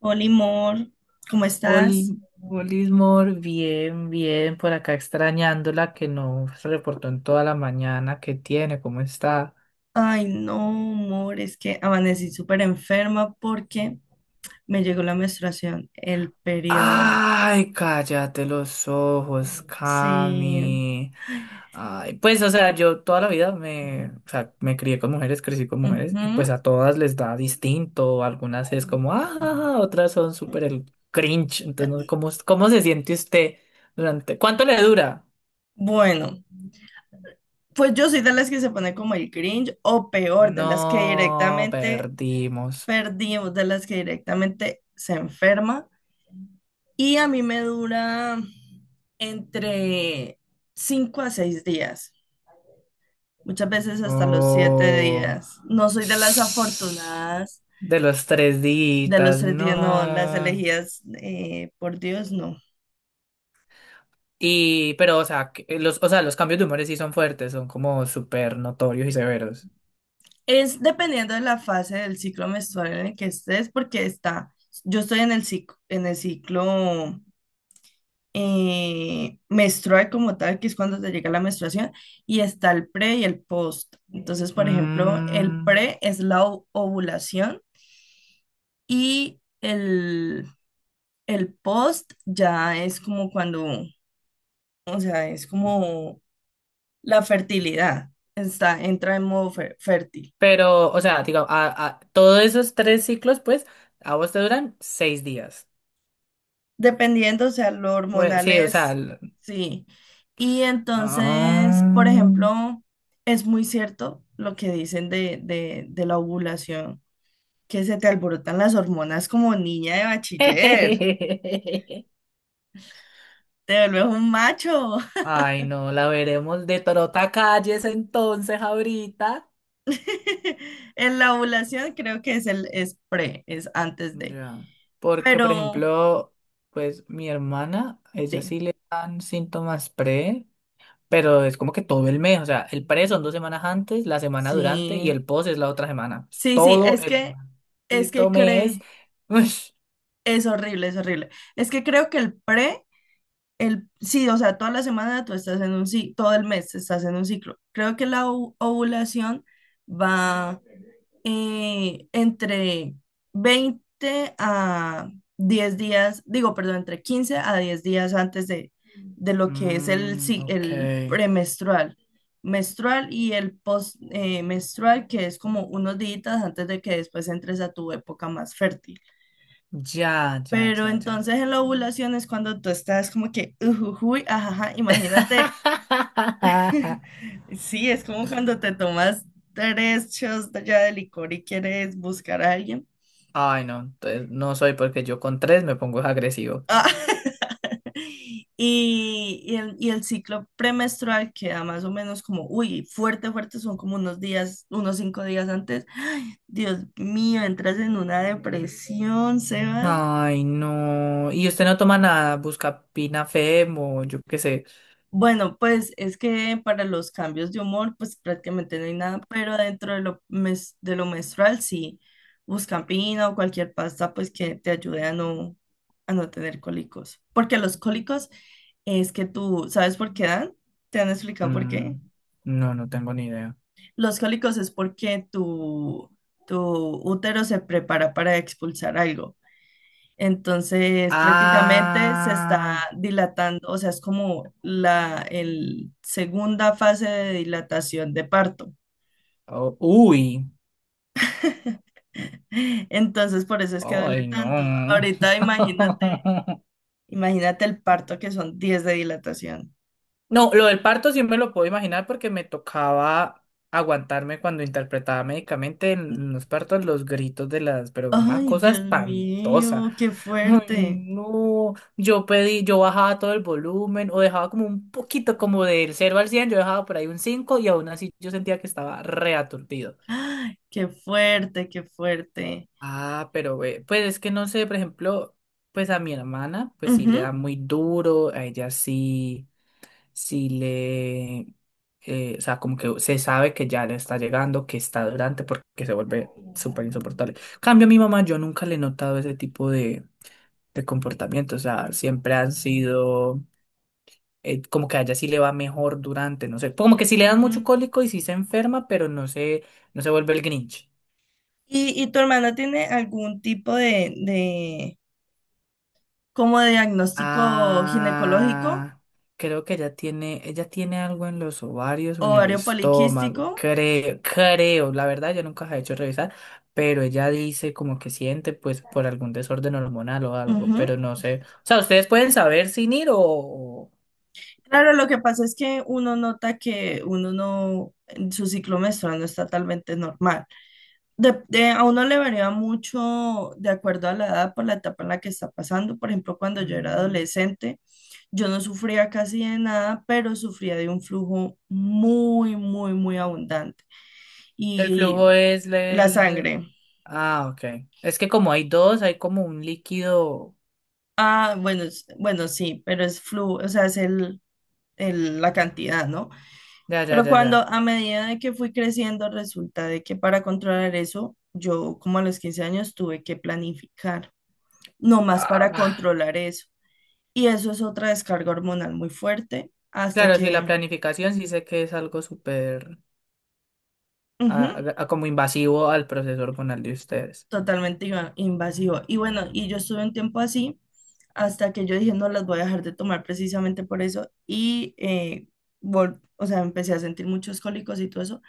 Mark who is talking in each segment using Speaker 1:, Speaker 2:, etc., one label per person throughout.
Speaker 1: Hola, amor, ¿cómo estás?
Speaker 2: Oli, Olismor, bien, bien, por acá extrañándola que no se reportó en toda la mañana. ¿Qué tiene? ¿Cómo está?
Speaker 1: Ay, no, amor, es que amanecí súper enferma porque me llegó la menstruación, el periodo.
Speaker 2: Ay, cállate los ojos,
Speaker 1: Sí.
Speaker 2: Cami. Ay, pues, o sea, yo toda la vida me crié con mujeres, crecí con mujeres, y pues
Speaker 1: Ujú.
Speaker 2: a todas les da distinto. Algunas es como, ah, otras son súper el cringe. Entonces, ¿no? ¿¿Cómo se siente usted durante, cuánto le dura?
Speaker 1: Bueno, pues yo soy de las que se pone como el cringe o peor, de las que
Speaker 2: No,
Speaker 1: directamente
Speaker 2: perdimos.
Speaker 1: perdimos, de las que directamente se enferma. Y a mí me dura entre 5 a 6 días. Muchas veces hasta los siete
Speaker 2: Oh.
Speaker 1: días. No soy de las afortunadas
Speaker 2: De los tres
Speaker 1: de los
Speaker 2: días,
Speaker 1: 3 días, no, las
Speaker 2: no.
Speaker 1: elegidas por Dios, no.
Speaker 2: Y, pero, o sea, que los, o sea, los cambios de humores sí son fuertes, son como súper notorios y severos.
Speaker 1: Es dependiendo de la fase del ciclo menstrual en el que estés, porque está, yo estoy en el ciclo menstrual como tal, que es cuando te llega la menstruación, y está el pre y el post. Entonces, por ejemplo, el
Speaker 2: Mm,
Speaker 1: pre es la ovulación y el post ya es como cuando, o sea, es como la fertilidad, está, entra en modo fértil.
Speaker 2: pero, o sea, digo, todos esos tres ciclos, pues, a vos te duran 6 días.
Speaker 1: Dependiendo, o sea, lo
Speaker 2: Bueno,
Speaker 1: hormonal
Speaker 2: sí, o sea.
Speaker 1: es, sí. Y entonces, por
Speaker 2: Ah.
Speaker 1: ejemplo, es muy cierto lo que dicen de la ovulación, que se te alborotan las hormonas como niña de bachiller, te vuelves un macho.
Speaker 2: Ay, no, la veremos de trota calles entonces ahorita.
Speaker 1: En la ovulación creo que es es pre, es antes de,
Speaker 2: Ya. Porque, por
Speaker 1: pero
Speaker 2: ejemplo, pues mi hermana, ella
Speaker 1: sí.
Speaker 2: sí le dan síntomas pre, pero es como que todo el mes. O sea, el pre son 2 semanas antes, la semana durante y
Speaker 1: Sí,
Speaker 2: el post es la otra semana. Es
Speaker 1: sí, sí,
Speaker 2: todo el
Speaker 1: es
Speaker 2: maldito
Speaker 1: que
Speaker 2: mes.
Speaker 1: cree,
Speaker 2: Ush.
Speaker 1: es horrible, es horrible. Es que creo que el pre, el sí, o sea, toda la semana tú estás en un ciclo, todo el mes estás en un ciclo. Creo que la ovulación va entre 20 a 10 días, digo, perdón, entre 15 a 10 días antes de lo que es el,
Speaker 2: Mm,
Speaker 1: si-
Speaker 2: ok.
Speaker 1: el premenstrual, menstrual y el postmenstrual, que es como unos días antes de que después entres a tu época más fértil.
Speaker 2: Ya, ya,
Speaker 1: Pero
Speaker 2: ya, ya.
Speaker 1: entonces en la ovulación es cuando tú estás como que, ujujuy, ajaja, imagínate. Sí, es como cuando te tomas 3 shots ya de licor y quieres buscar a alguien.
Speaker 2: Ay, no, entonces no soy porque yo con tres me pongo agresivo.
Speaker 1: Ah, y el ciclo premenstrual queda más o menos como, uy, fuerte, fuerte, son como unos días, unos 5 días antes. Ay, Dios mío, entras en una depresión, Sebas.
Speaker 2: Ay, no. Y usted no toma nada, busca pinafem o yo qué sé.
Speaker 1: Bueno, pues es que para los cambios de humor, pues prácticamente no hay nada, pero dentro de lo, de lo menstrual, sí, Buscampina o cualquier pasta, pues que te ayude a no tener cólicos. Porque los cólicos es que tú, ¿sabes por qué dan? ¿Te han explicado por
Speaker 2: Mm,
Speaker 1: qué?
Speaker 2: no, no tengo ni idea.
Speaker 1: Los cólicos es porque tu útero se prepara para expulsar algo. Entonces, prácticamente se está
Speaker 2: Ah,
Speaker 1: dilatando, o sea, es como la el segunda fase de dilatación de parto.
Speaker 2: oh, uy.
Speaker 1: Entonces, por eso es que duele
Speaker 2: Ay,
Speaker 1: tanto.
Speaker 2: no.
Speaker 1: Ahorita imagínate, imagínate el parto, que son 10 de dilatación.
Speaker 2: No, lo del parto sí me lo puedo imaginar porque me tocaba aguantarme cuando interpretaba médicamente en los partos los gritos de las, pero una
Speaker 1: Ay,
Speaker 2: cosa
Speaker 1: Dios
Speaker 2: espantosa.
Speaker 1: mío, qué
Speaker 2: Ay,
Speaker 1: fuerte.
Speaker 2: no, yo pedí, yo bajaba todo el volumen o dejaba como un poquito, como del cero al 100. Yo dejaba por ahí un 5 y aún así yo sentía que estaba reaturdido.
Speaker 1: Ay, qué fuerte, qué fuerte.
Speaker 2: Ah, pero ve, pues es que no sé, por ejemplo, pues a mi hermana, pues sí le da
Speaker 1: Ujú.
Speaker 2: muy duro, a ella sí. Si le, o sea, como que se sabe que ya le está llegando, que está durante, porque se vuelve súper insoportable. Cambio a mi mamá, yo nunca le he notado ese tipo de comportamiento, o sea, siempre han sido, como que a ella sí le va mejor durante, no sé, como que sí le dan mucho
Speaker 1: Mm.
Speaker 2: cólico y sí se enferma, pero no se, no se vuelve el Grinch.
Speaker 1: ¿Y tu hermana tiene algún tipo de como de diagnóstico ginecológico?
Speaker 2: Ah, creo que ella tiene algo en los ovarios o en el
Speaker 1: Ovario poliquístico.
Speaker 2: estómago, creo, creo, la verdad yo nunca la he hecho revisar, pero ella dice como que siente pues por algún desorden hormonal o algo,
Speaker 1: Ujú.
Speaker 2: pero no sé, o sea, ustedes pueden saber sin ir o
Speaker 1: Claro, lo que pasa es que uno nota que uno no, su ciclo menstrual no está totalmente normal. A uno le varía mucho de acuerdo a la edad, por la etapa en la que está pasando. Por ejemplo, cuando yo era
Speaker 2: mm,
Speaker 1: adolescente, yo no sufría casi de nada, pero sufría de un flujo muy, muy, muy abundante.
Speaker 2: ¿el flujo
Speaker 1: Y,
Speaker 2: es
Speaker 1: y la
Speaker 2: el...?
Speaker 1: sangre.
Speaker 2: Ah, ok, es que como hay dos, hay como un líquido,
Speaker 1: Ah, bueno, bueno, sí, pero es flujo, o sea, es el, la cantidad, ¿no?
Speaker 2: ya, ya,
Speaker 1: Pero
Speaker 2: ya,
Speaker 1: cuando
Speaker 2: ya.
Speaker 1: a medida de que fui creciendo, resulta de que para controlar eso, yo como a los 15 años tuve que planificar, no más para
Speaker 2: Ah,
Speaker 1: controlar eso. Y eso es otra descarga hormonal muy fuerte hasta
Speaker 2: claro, sí, la
Speaker 1: que,
Speaker 2: planificación sí sé que es algo súper...
Speaker 1: ujú,
Speaker 2: como invasivo al proceso hormonal de ustedes.
Speaker 1: totalmente invasivo. Y bueno, y yo estuve un tiempo así hasta que yo dije, no las voy a dejar de tomar precisamente por eso. Y, o sea, empecé a sentir muchos cólicos y todo eso.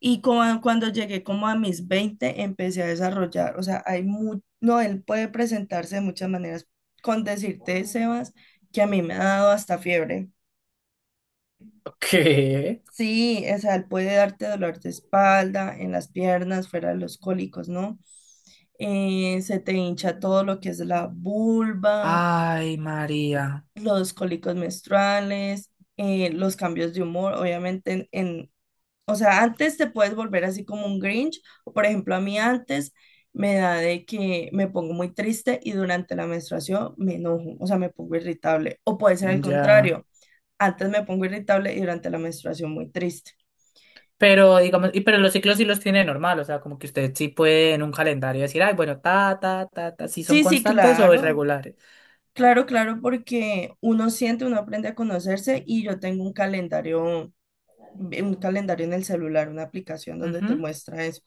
Speaker 1: Y como cuando llegué como a mis 20 empecé a desarrollar, o sea, no, él puede presentarse de muchas maneras, con decirte, Sebas, que a mí me ha dado hasta fiebre.
Speaker 2: ¿Qué?
Speaker 1: Sí, o sea, él puede darte dolor de espalda, en las piernas, fuera de los cólicos, ¿no? Se te hincha todo lo que es la vulva,
Speaker 2: Ay, María,
Speaker 1: los cólicos menstruales, los cambios de humor, obviamente en o sea, antes te puedes volver así como un Grinch. O por ejemplo, a mí antes me da de que me pongo muy triste y durante la menstruación me enojo, o sea, me pongo irritable. O puede ser al
Speaker 2: ya.
Speaker 1: contrario, antes me pongo irritable y durante la menstruación muy triste.
Speaker 2: Pero digamos, y pero los ciclos sí los tiene normal, o sea, como que usted sí puede en un calendario decir, ay, bueno, ta, ta, ta, ta, si son
Speaker 1: Sí, sí,
Speaker 2: constantes o
Speaker 1: claro,
Speaker 2: irregulares.
Speaker 1: claro, claro, porque uno siente, uno aprende a conocerse y yo tengo un calendario en el celular, una aplicación donde te
Speaker 2: Ujú.
Speaker 1: muestra eso.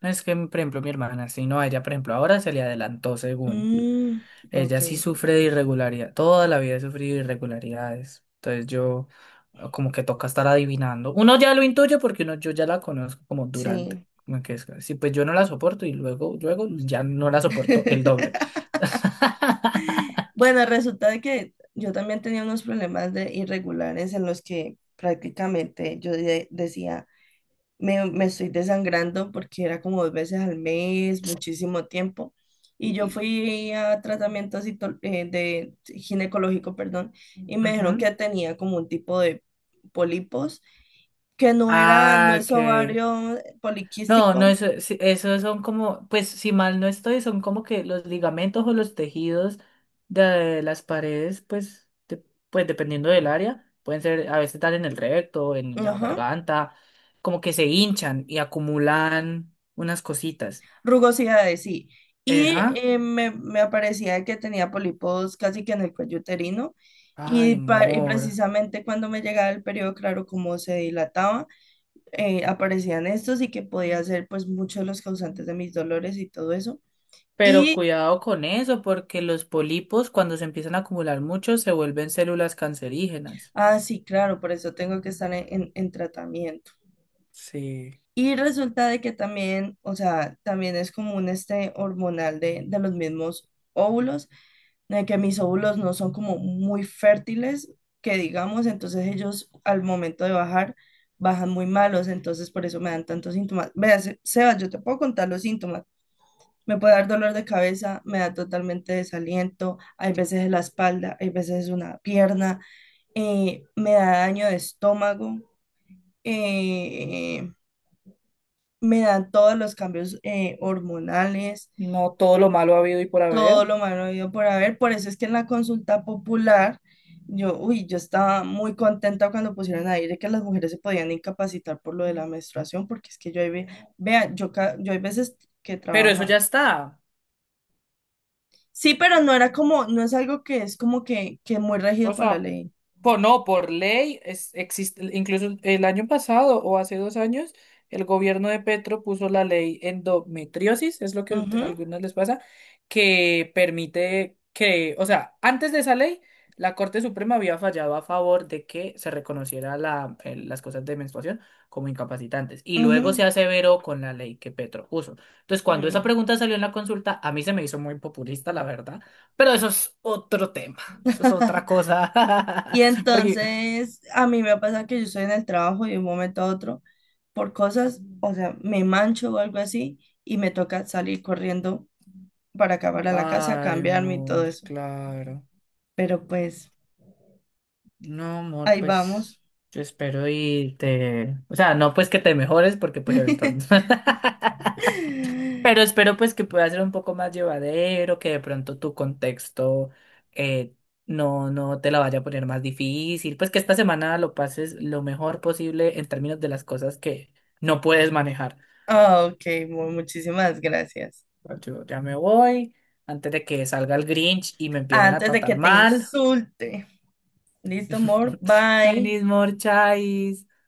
Speaker 2: No es que, por ejemplo, mi hermana, si no, a ella, por ejemplo, ahora se le adelantó según.
Speaker 1: Mm, ok,
Speaker 2: Ella sí sufre de irregularidad, toda la vida he sufrido de irregularidades. Entonces yo como que toca estar adivinando. Uno ya lo intuye porque uno, yo ya la conozco como durante.
Speaker 1: sí.
Speaker 2: Como que es, sí, pues yo no la soporto y luego, luego ya no la soporto el doble.
Speaker 1: Bueno, resulta de que yo también tenía unos problemas de irregulares en los que prácticamente yo decía, me estoy desangrando porque era como 2 veces al mes, muchísimo tiempo. Y yo fui a tratamiento de ginecológico, perdón, y me dijeron
Speaker 2: Ujú.
Speaker 1: que tenía como un tipo de pólipos, que no era, no
Speaker 2: Ah,
Speaker 1: es
Speaker 2: ok.
Speaker 1: ovario
Speaker 2: No,
Speaker 1: poliquístico,
Speaker 2: no, eso, sí, eso son como, pues si mal no estoy, son como que los ligamentos o los tejidos de las paredes, pues, de- pues dependiendo del área, pueden ser, a veces están en el recto, en la
Speaker 1: ajá,
Speaker 2: garganta, como que se hinchan y acumulan unas cositas.
Speaker 1: rugosidades, sí. Y
Speaker 2: Ajá.
Speaker 1: me aparecía que tenía pólipos casi que en el cuello uterino. Y,
Speaker 2: Ay,
Speaker 1: y
Speaker 2: amor.
Speaker 1: precisamente cuando me llegaba el periodo, claro, como se dilataba, aparecían estos y que podía ser pues muchos de los causantes de mis dolores y todo eso.
Speaker 2: Pero
Speaker 1: Y,
Speaker 2: cuidado con eso, porque los pólipos, cuando se empiezan a acumular mucho, se vuelven células cancerígenas.
Speaker 1: ah, sí, claro, por eso tengo que estar en tratamiento.
Speaker 2: Sí.
Speaker 1: Y resulta de que también, o sea, también es como un este hormonal de los mismos óvulos, de que mis óvulos no son como muy fértiles, que digamos, entonces ellos al momento de bajar, bajan muy malos, entonces por eso me dan tantos síntomas. Veas, Sebas, yo te puedo contar los síntomas. Me puede dar dolor de cabeza, me da totalmente desaliento, hay veces en la espalda, hay veces en una pierna, me da daño de estómago. eh, me dan todos los cambios hormonales,
Speaker 2: No todo lo malo ha habido y por
Speaker 1: todo
Speaker 2: haber,
Speaker 1: lo malo habido por haber. Por eso es que en la consulta popular, yo, uy, yo estaba muy contenta cuando pusieron ahí de que las mujeres se podían incapacitar por lo de la menstruación, porque es que yo ahí ve, vea, yo, yo hay veces que
Speaker 2: pero eso ya
Speaker 1: trabaja.
Speaker 2: está.
Speaker 1: Sí, pero no era como, no es algo que es como que muy regido
Speaker 2: O
Speaker 1: por la
Speaker 2: sea,
Speaker 1: ley.
Speaker 2: po- no, por ley, es, existe, incluso el año pasado o hace 2 años, el gobierno de Petro puso la ley endometriosis, es lo que a
Speaker 1: Ujú,
Speaker 2: algunos les pasa, que permite que, o sea, antes de esa ley, la Corte Suprema había fallado a favor de que se reconociera la, las cosas de menstruación como incapacitantes. Y luego se
Speaker 1: ujú,
Speaker 2: aseveró con la ley que Petro puso. Entonces, cuando esa
Speaker 1: mm.
Speaker 2: pregunta salió en la consulta, a mí se me hizo muy populista, la verdad, pero eso es otro tema. Eso es otra cosa.
Speaker 1: Y
Speaker 2: Porque,
Speaker 1: entonces a mí me pasa que yo estoy en el trabajo y de un momento a otro por cosas, o sea, me mancho o algo así y me toca salir corriendo para acabar a la casa,
Speaker 2: ay,
Speaker 1: cambiarme y todo
Speaker 2: amor,
Speaker 1: eso.
Speaker 2: claro.
Speaker 1: Pero pues
Speaker 2: No, amor,
Speaker 1: ahí
Speaker 2: pues
Speaker 1: vamos.
Speaker 2: yo espero y te... O sea, no pues que te mejores porque pues eventualmente... Pero espero pues que pueda ser un poco más llevadero, que de pronto tu contexto eh, no, no te la vaya a poner más difícil, pues que esta semana lo pases lo mejor posible en términos de las cosas que no puedes manejar.
Speaker 1: Ah, ok, muchísimas gracias.
Speaker 2: Yo ya me voy antes de que salga el Grinch y me empiecen a
Speaker 1: Antes de que
Speaker 2: tratar
Speaker 1: te
Speaker 2: mal.
Speaker 1: insulte. Listo, amor. Bye.
Speaker 2: Venís, Morchais.